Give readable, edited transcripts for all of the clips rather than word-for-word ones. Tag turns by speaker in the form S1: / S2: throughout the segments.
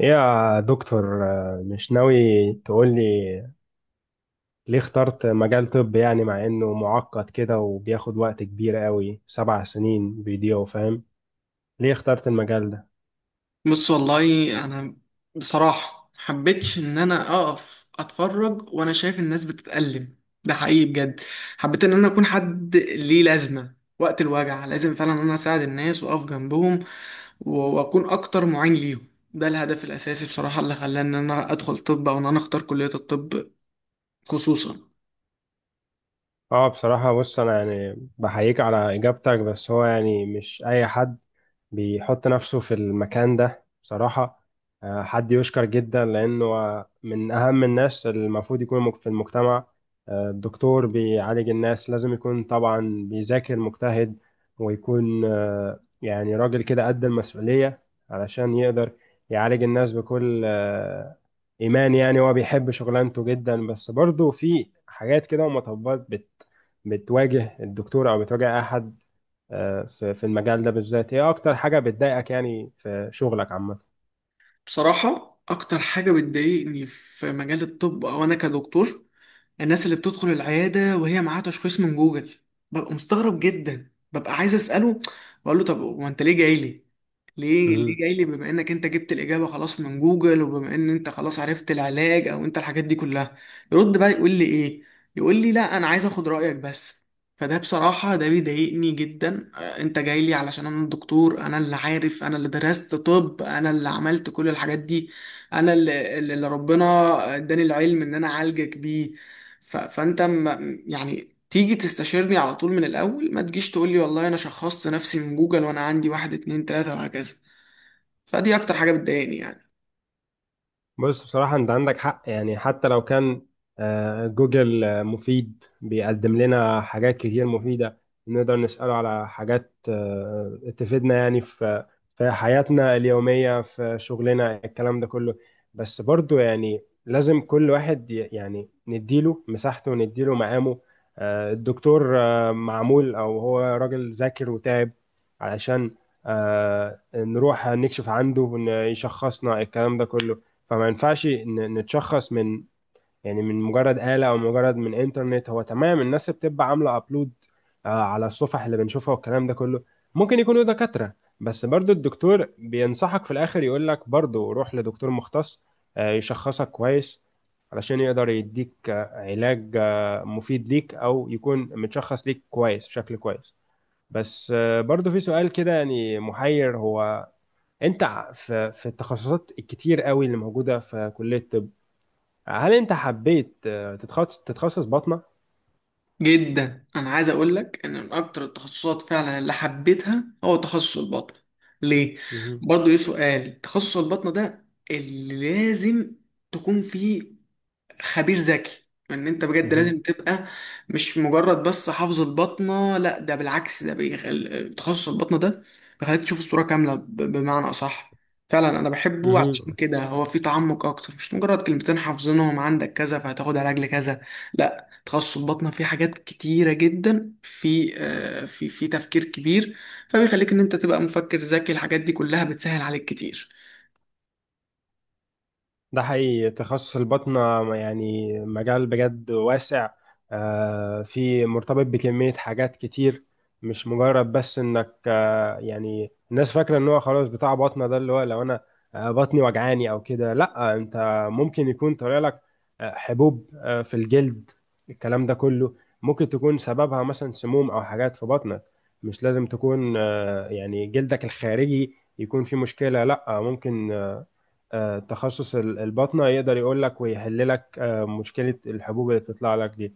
S1: إيه يا دكتور، مش ناوي تقولي ليه اخترت مجال طب؟ يعني مع انه معقد كده وبياخد وقت كبير قوي، 7 سنين بيضيعوا، فاهم؟ ليه اخترت المجال ده؟
S2: بص، والله انا بصراحه محبتش ان انا اقف اتفرج وانا شايف الناس بتتألم. ده حقيقي بجد. حبيت ان انا اكون حد ليه لازمه وقت الوجع، لازم فعلا ان انا اساعد الناس واقف جنبهم و- واكون اكتر معين ليهم. ده الهدف الاساسي بصراحه اللي خلاني ان انا ادخل طب او ان انا اختار كليه الطب خصوصا.
S1: اه، بصراحة بص، أنا يعني بحييك على إجابتك، بس هو يعني مش أي حد بيحط نفسه في المكان ده بصراحة. حد يشكر جدا لأنه من أهم الناس اللي المفروض يكونوا في المجتمع. الدكتور بيعالج الناس لازم يكون طبعا بيذاكر مجتهد، ويكون يعني راجل كده قد المسؤولية، علشان يقدر يعالج الناس بكل إيمان. يعني هو بيحب شغلانته جدا، بس برضه في حاجات كده ومطبات بتواجه الدكتور او بتواجه احد. في المجال ده بالذات، ايه اكتر حاجة بتضايقك يعني في شغلك
S2: بصراحه اكتر حاجه بتضايقني في مجال الطب او انا كدكتور، الناس اللي بتدخل العيادة وهي معاها تشخيص من جوجل. ببقى مستغرب جدا، ببقى عايز أسأله، بقول له طب هو أنت ليه جاي لي؟ ليه
S1: عامة؟
S2: ليه جاي لي بما إنك أنت جبت الإجابة خلاص من جوجل وبما إن أنت خلاص عرفت العلاج أو أنت الحاجات دي كلها؟ يرد بقى يقول لي إيه؟ يقول لي لا، أنا عايز أخد رأيك بس. فده بصراحة ده بيضايقني جدا. أنت جاي لي علشان أنا الدكتور، أنا اللي عارف، أنا اللي درست طب، أنا اللي عملت كل الحاجات دي، أنا اللي ربنا اداني العلم إن أنا أعالجك بيه. فانت يعني تيجي تستشيرني على طول من الاول، ما تجيش تقول لي والله انا شخصت نفسي من جوجل وانا عندي واحد اتنين تلاتة وهكذا. فدي اكتر حاجة بتضايقني يعني.
S1: بص، بصراحة أنت عندك حق، يعني حتى لو كان جوجل مفيد، بيقدم لنا حاجات كتير مفيدة، نقدر نسأله على حاجات تفيدنا يعني في حياتنا اليومية، في شغلنا، الكلام ده كله. بس برضو يعني لازم كل واحد يعني نديله مساحته ونديله مقامه. الدكتور معمول، أو هو راجل ذاكر وتعب، علشان نروح نكشف عنده يشخصنا الكلام ده كله. فما ينفعش نتشخص من، يعني من مجرد آلة او مجرد من انترنت. هو تمام، الناس بتبقى عاملة ابلود على الصفح اللي بنشوفها والكلام ده كله، ممكن يكونوا دكاترة، بس برضو الدكتور بينصحك في الاخر يقول لك برضو روح لدكتور مختص، يشخصك كويس علشان يقدر يديك علاج مفيد ليك، او يكون متشخص ليك كويس بشكل كويس. بس برضو في سؤال كده يعني محير، هو انت في التخصصات الكتير قوي اللي موجوده في كليه الطب، هل انت حبيت تتخصص باطنه؟
S2: جدا انا عايز اقول لك ان من اكتر التخصصات فعلا اللي حبيتها هو تخصص البطن. ليه؟
S1: مهم.
S2: برضه ليه سؤال تخصص البطن ده؟ اللي لازم تكون فيه خبير ذكي، ان انت بجد
S1: مهم.
S2: لازم تبقى مش مجرد بس حافظ البطنه. لا، ده بالعكس، ده تخصص البطنه ده بيخليك تشوف الصوره كامله، بمعنى اصح. فعلا انا بحبه، علشان
S1: مهم.
S2: كده هو في تعمق اكتر مش مجرد كلمتين حافظينهم عندك كذا فهتاخد علاج لكذا. لا، تخصص البطنه فيه حاجات كتيره جدا، في في تفكير كبير. فبيخليك ان انت تبقى مفكر ذكي، الحاجات دي كلها بتسهل عليك كتير.
S1: ده حقيقي، تخصص الباطنة يعني مجال بجد واسع، في مرتبط بكمية حاجات كتير. مش مجرد بس انك يعني الناس فاكرة ان هو خلاص بتاع باطنة ده، اللي هو لو انا بطني وجعاني او كده، لا، انت ممكن يكون طالع لك حبوب في الجلد، الكلام ده كله ممكن تكون سببها مثلا سموم او حاجات في بطنك. مش لازم تكون يعني جلدك الخارجي يكون فيه مشكلة، لا، ممكن تخصص الباطنة يقدر يقول لك ويحل لك مشكلة الحبوب اللي بتطلع لك دي.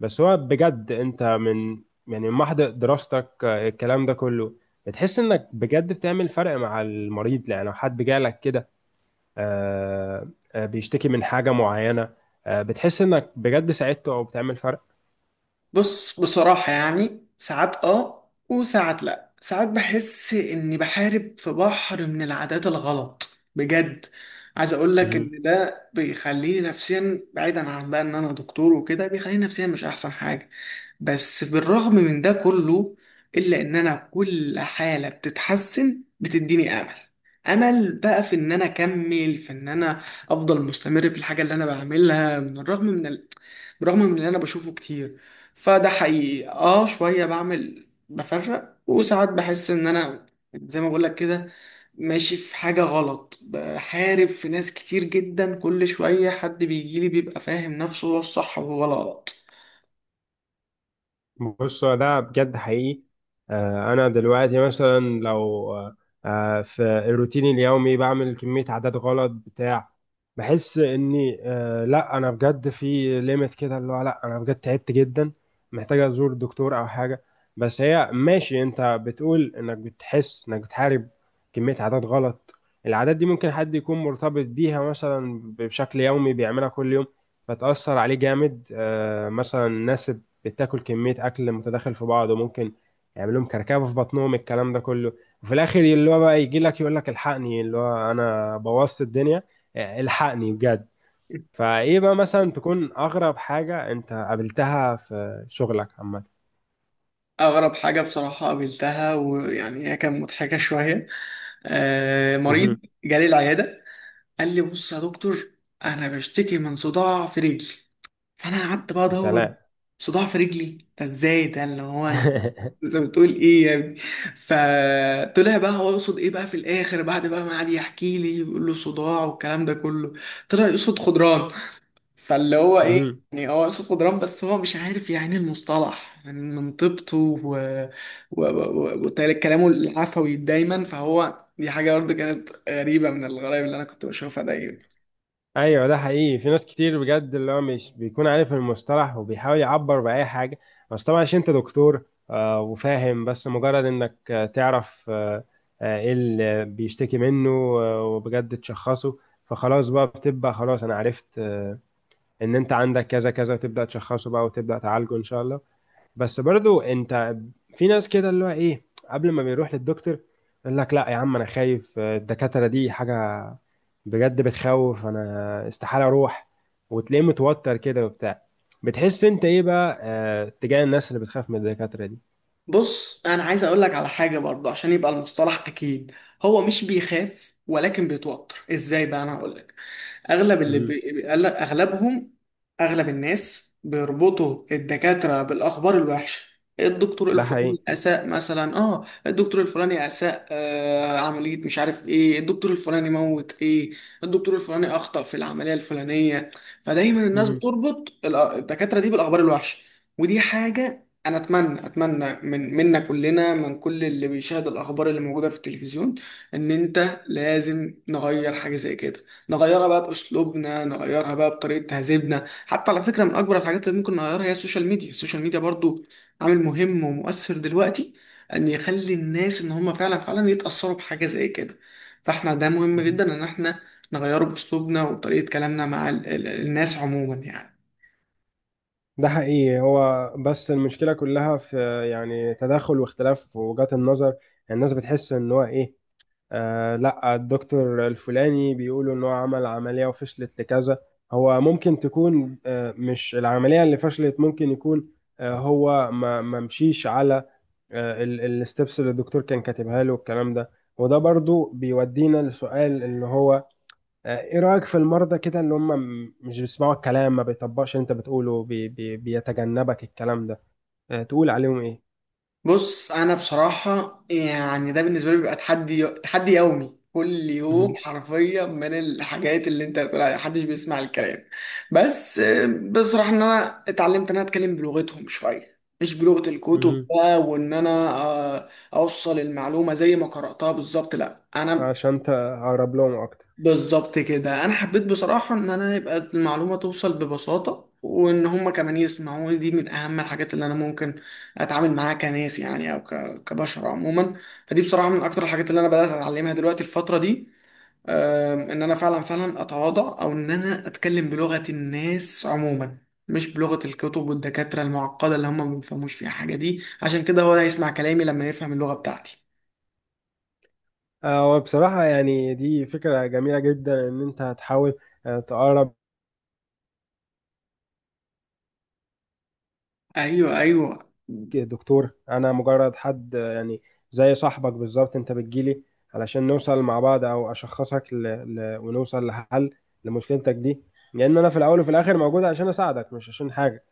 S1: بس هو بجد انت من يعني من محض دراستك الكلام ده كله، بتحس انك بجد بتعمل فرق مع المريض؟ يعني لو حد جالك كده بيشتكي من حاجة معينة، بتحس انك بجد ساعدته او بتعمل
S2: بص، بصراحة يعني ساعات اه وساعات لا، ساعات بحس اني بحارب في بحر من العادات الغلط. بجد، عايز اقول لك
S1: فرق؟
S2: ان ده بيخليني نفسيا بعيدا عن بقى ان انا دكتور وكده، بيخليني نفسيا مش احسن حاجة. بس بالرغم من ده كله، الا ان انا كل حالة بتتحسن بتديني امل. امل بقى في ان انا اكمل، في ان انا افضل مستمر في الحاجة اللي انا بعملها، من الرغم من بالرغم من اللي انا بشوفه كتير. فده حقيقي اه شوية بعمل بفرق، وساعات بحس ان انا زي ما بقولك كده ماشي في حاجة غلط، بحارب في ناس كتير جدا، كل شوية حد بيجيلي بيبقى فاهم نفسه هو الصح وهو الغلط.
S1: بص هو ده بجد حقيقي، انا دلوقتي مثلا لو آه، في الروتين اليومي بعمل كمية عادات غلط بتاع بحس اني لا، انا بجد في ليميت كده، اللي هو لا، انا بجد تعبت جدا، محتاج ازور دكتور او حاجة. بس هي ماشي، انت بتقول انك بتحس انك بتحارب كمية عادات غلط، العادات دي ممكن حد يكون مرتبط بيها مثلا بشكل يومي، بيعملها كل يوم، فتأثر عليه جامد. مثلا الناس بتاكل كميه اكل متداخل في بعض، وممكن يعمل لهم كركبه في بطنهم، الكلام ده كله، وفي الاخر اللي هو بقى يجي لك يقول لك الحقني، اللي هو انا بوظت الدنيا، الحقني بجد. فايه بقى مثلا تكون اغرب حاجه انت قابلتها في شغلك عامه؟
S2: أغرب حاجة بصراحة قابلتها، ويعني هي كانت مضحكة شوية. مريض
S1: مهم.
S2: جالي العيادة، قال لي بص يا دكتور، انا بشتكي من صداع في رجلي. فانا قعدت بقى
S1: يا
S2: ادور،
S1: سلام.
S2: صداع في رجلي ده ازاي؟ ده اللي هو انت بتقول ايه يا ابني؟ فطلع بقى هو يقصد ايه بقى في الاخر، بعد بقى ما قعد يحكي لي يقول له صداع والكلام ده كله، طلع يقصد خضران. فاللي هو ايه يعني، هو صوت جدران بس هو مش عارف يعني المصطلح يعني من طيبته و... و... و... وكلامه العفوي دايما، فهو دي حاجة برضه كانت غريبة من الغرائب اللي أنا كنت بشوفها دايما.
S1: ايوه ده حقيقي، في ناس كتير بجد اللي هو مش بيكون عارف المصطلح وبيحاول يعبر باي حاجه، بس طبعا عشان انت دكتور وفاهم، بس مجرد انك تعرف ايه اللي بيشتكي منه وبجد تشخصه، فخلاص بقى، بتبقى خلاص انا عرفت ان انت عندك كذا كذا، تبدا تشخصه بقى وتبدا تعالجه ان شاء الله. بس برضو انت في ناس كده اللي هو ايه، قبل ما بيروح للدكتور يقول لك لا يا عم انا خايف، الدكاترة دي حاجة بجد بتخوف، انا استحالة اروح. وتلاقيه متوتر كده وبتاع، بتحس انت ايه بقى تجاه الناس اللي بتخاف من الدكاترة دي؟
S2: بص انا عايز اقول لك على حاجه برضه عشان يبقى المصطلح اكيد، هو مش بيخاف ولكن بيتوتر. ازاي بقى؟ انا هقول لك. اغلب
S1: مهم.
S2: اغلبهم، اغلب الناس بيربطوا الدكاتره بالاخبار الوحشه. الدكتور
S1: ده حقيقي.
S2: الفلاني اساء مثلا، اه الدكتور الفلاني اساء عمليه، مش عارف ايه، الدكتور الفلاني موت ايه، الدكتور الفلاني اخطا في العمليه الفلانيه. فدايما الناس
S1: مهم.
S2: بتربط الدكاتره دي بالاخبار الوحشه. ودي حاجه، انا اتمنى اتمنى من منا كلنا، من كل اللي بيشاهد الاخبار اللي موجوده في التلفزيون، ان انت لازم نغير حاجه زي كده. نغيرها بقى باسلوبنا، نغيرها بقى بطريقه تهذيبنا. حتى على فكره، من اكبر الحاجات اللي ممكن نغيرها هي السوشيال ميديا. السوشيال ميديا برضو عامل مهم ومؤثر دلوقتي، ان يخلي الناس ان هم فعلا فعلا يتاثروا بحاجه زي كده. فاحنا ده مهم
S1: مهم.
S2: جدا ان احنا نغيره باسلوبنا وطريقه كلامنا مع الناس عموما يعني.
S1: ده حقيقي. هو بس المشكلة كلها في يعني تداخل واختلاف في وجهات النظر، الناس بتحس ان هو ايه، لا، الدكتور الفلاني بيقولوا ان هو عمل عملية وفشلت لكذا. هو ممكن تكون مش العملية اللي فشلت، ممكن يكون هو ما مشيش على الستبس اللي الدكتور كان كاتبها له والكلام ده. وده برضو بيودينا لسؤال اللي هو ايه رأيك في المرضى كده اللي هم مش بيسمعوا الكلام، ما بيطبقش اللي انت بتقوله، بي بي بيتجنبك الكلام ده، تقول عليهم ايه؟
S2: بص انا بصراحه يعني ده بالنسبه لي بيبقى تحدي، تحدي يومي كل يوم
S1: مهم.
S2: حرفيا، من الحاجات اللي انت بتقول عليها محدش بيسمع الكلام. بس بصراحه ان انا اتعلمت ان انا اتكلم بلغتهم شويه، مش بلغه الكتب
S1: مهم.
S2: بقى، وان انا اوصل المعلومه زي ما قراتها بالظبط، لا انا
S1: عشان تقرب لهم اكتر.
S2: بالظبط كده، انا حبيت بصراحه ان انا يبقى المعلومه توصل ببساطه وان هم كمان يسمعوا. دي من اهم الحاجات اللي انا ممكن اتعامل معاها كناس يعني، او كبشر عموما. فدي بصراحه من اكتر الحاجات اللي انا بدات اتعلمها دلوقتي الفتره دي. ان انا فعلا فعلا اتواضع، او ان انا اتكلم بلغه الناس عموما، مش بلغه الكتب والدكاتره المعقده اللي هم ما بيفهموش فيها حاجه. دي عشان كده هو هيسمع كلامي لما يفهم اللغه بتاعتي.
S1: هو بصراحة يعني دي فكرة جميلة جدا إن أنت هتحاول تقرب.
S2: ايوه، ايوه.
S1: دكتور، أنا مجرد حد يعني زي صاحبك بالظبط، أنت بتجيلي علشان نوصل مع بعض، أو أشخصك ونوصل لحل لمشكلتك دي، لأن أنا في الأول وفي الآخر موجود عشان أساعدك مش عشان حاجة.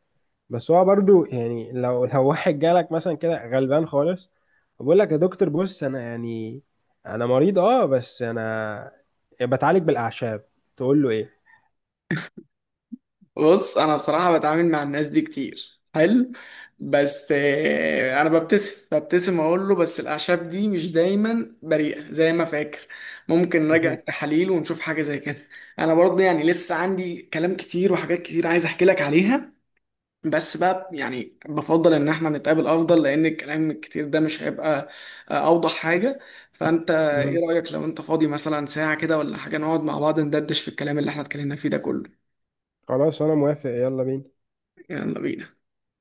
S1: بس هو برضو يعني لو لو واحد جالك مثلا كده غلبان خالص، وبقول لك يا دكتور بص أنا يعني، أنا مريض بس أنا بتعالج بالأعشاب، تقول له إيه؟
S2: بص انا بصراحه بتعامل مع الناس دي كتير حلو. بس انا ببتسم ببتسم اقول له بس الاعشاب دي مش دايما بريئه زي ما فاكر، ممكن نراجع التحاليل ونشوف حاجه زي كده. انا برضه يعني لسه عندي كلام كتير وحاجات كتير عايز احكي لك عليها، بس بقى يعني بفضل ان احنا نتقابل افضل، لان الكلام الكتير ده مش هيبقى اوضح حاجه. فانت ايه رايك لو انت فاضي مثلا ساعه كده ولا حاجه، نقعد مع بعض ندردش في الكلام اللي احنا اتكلمنا فيه ده كله؟
S1: خلاص انا موافق، يلا بينا.
S2: يلا بينا.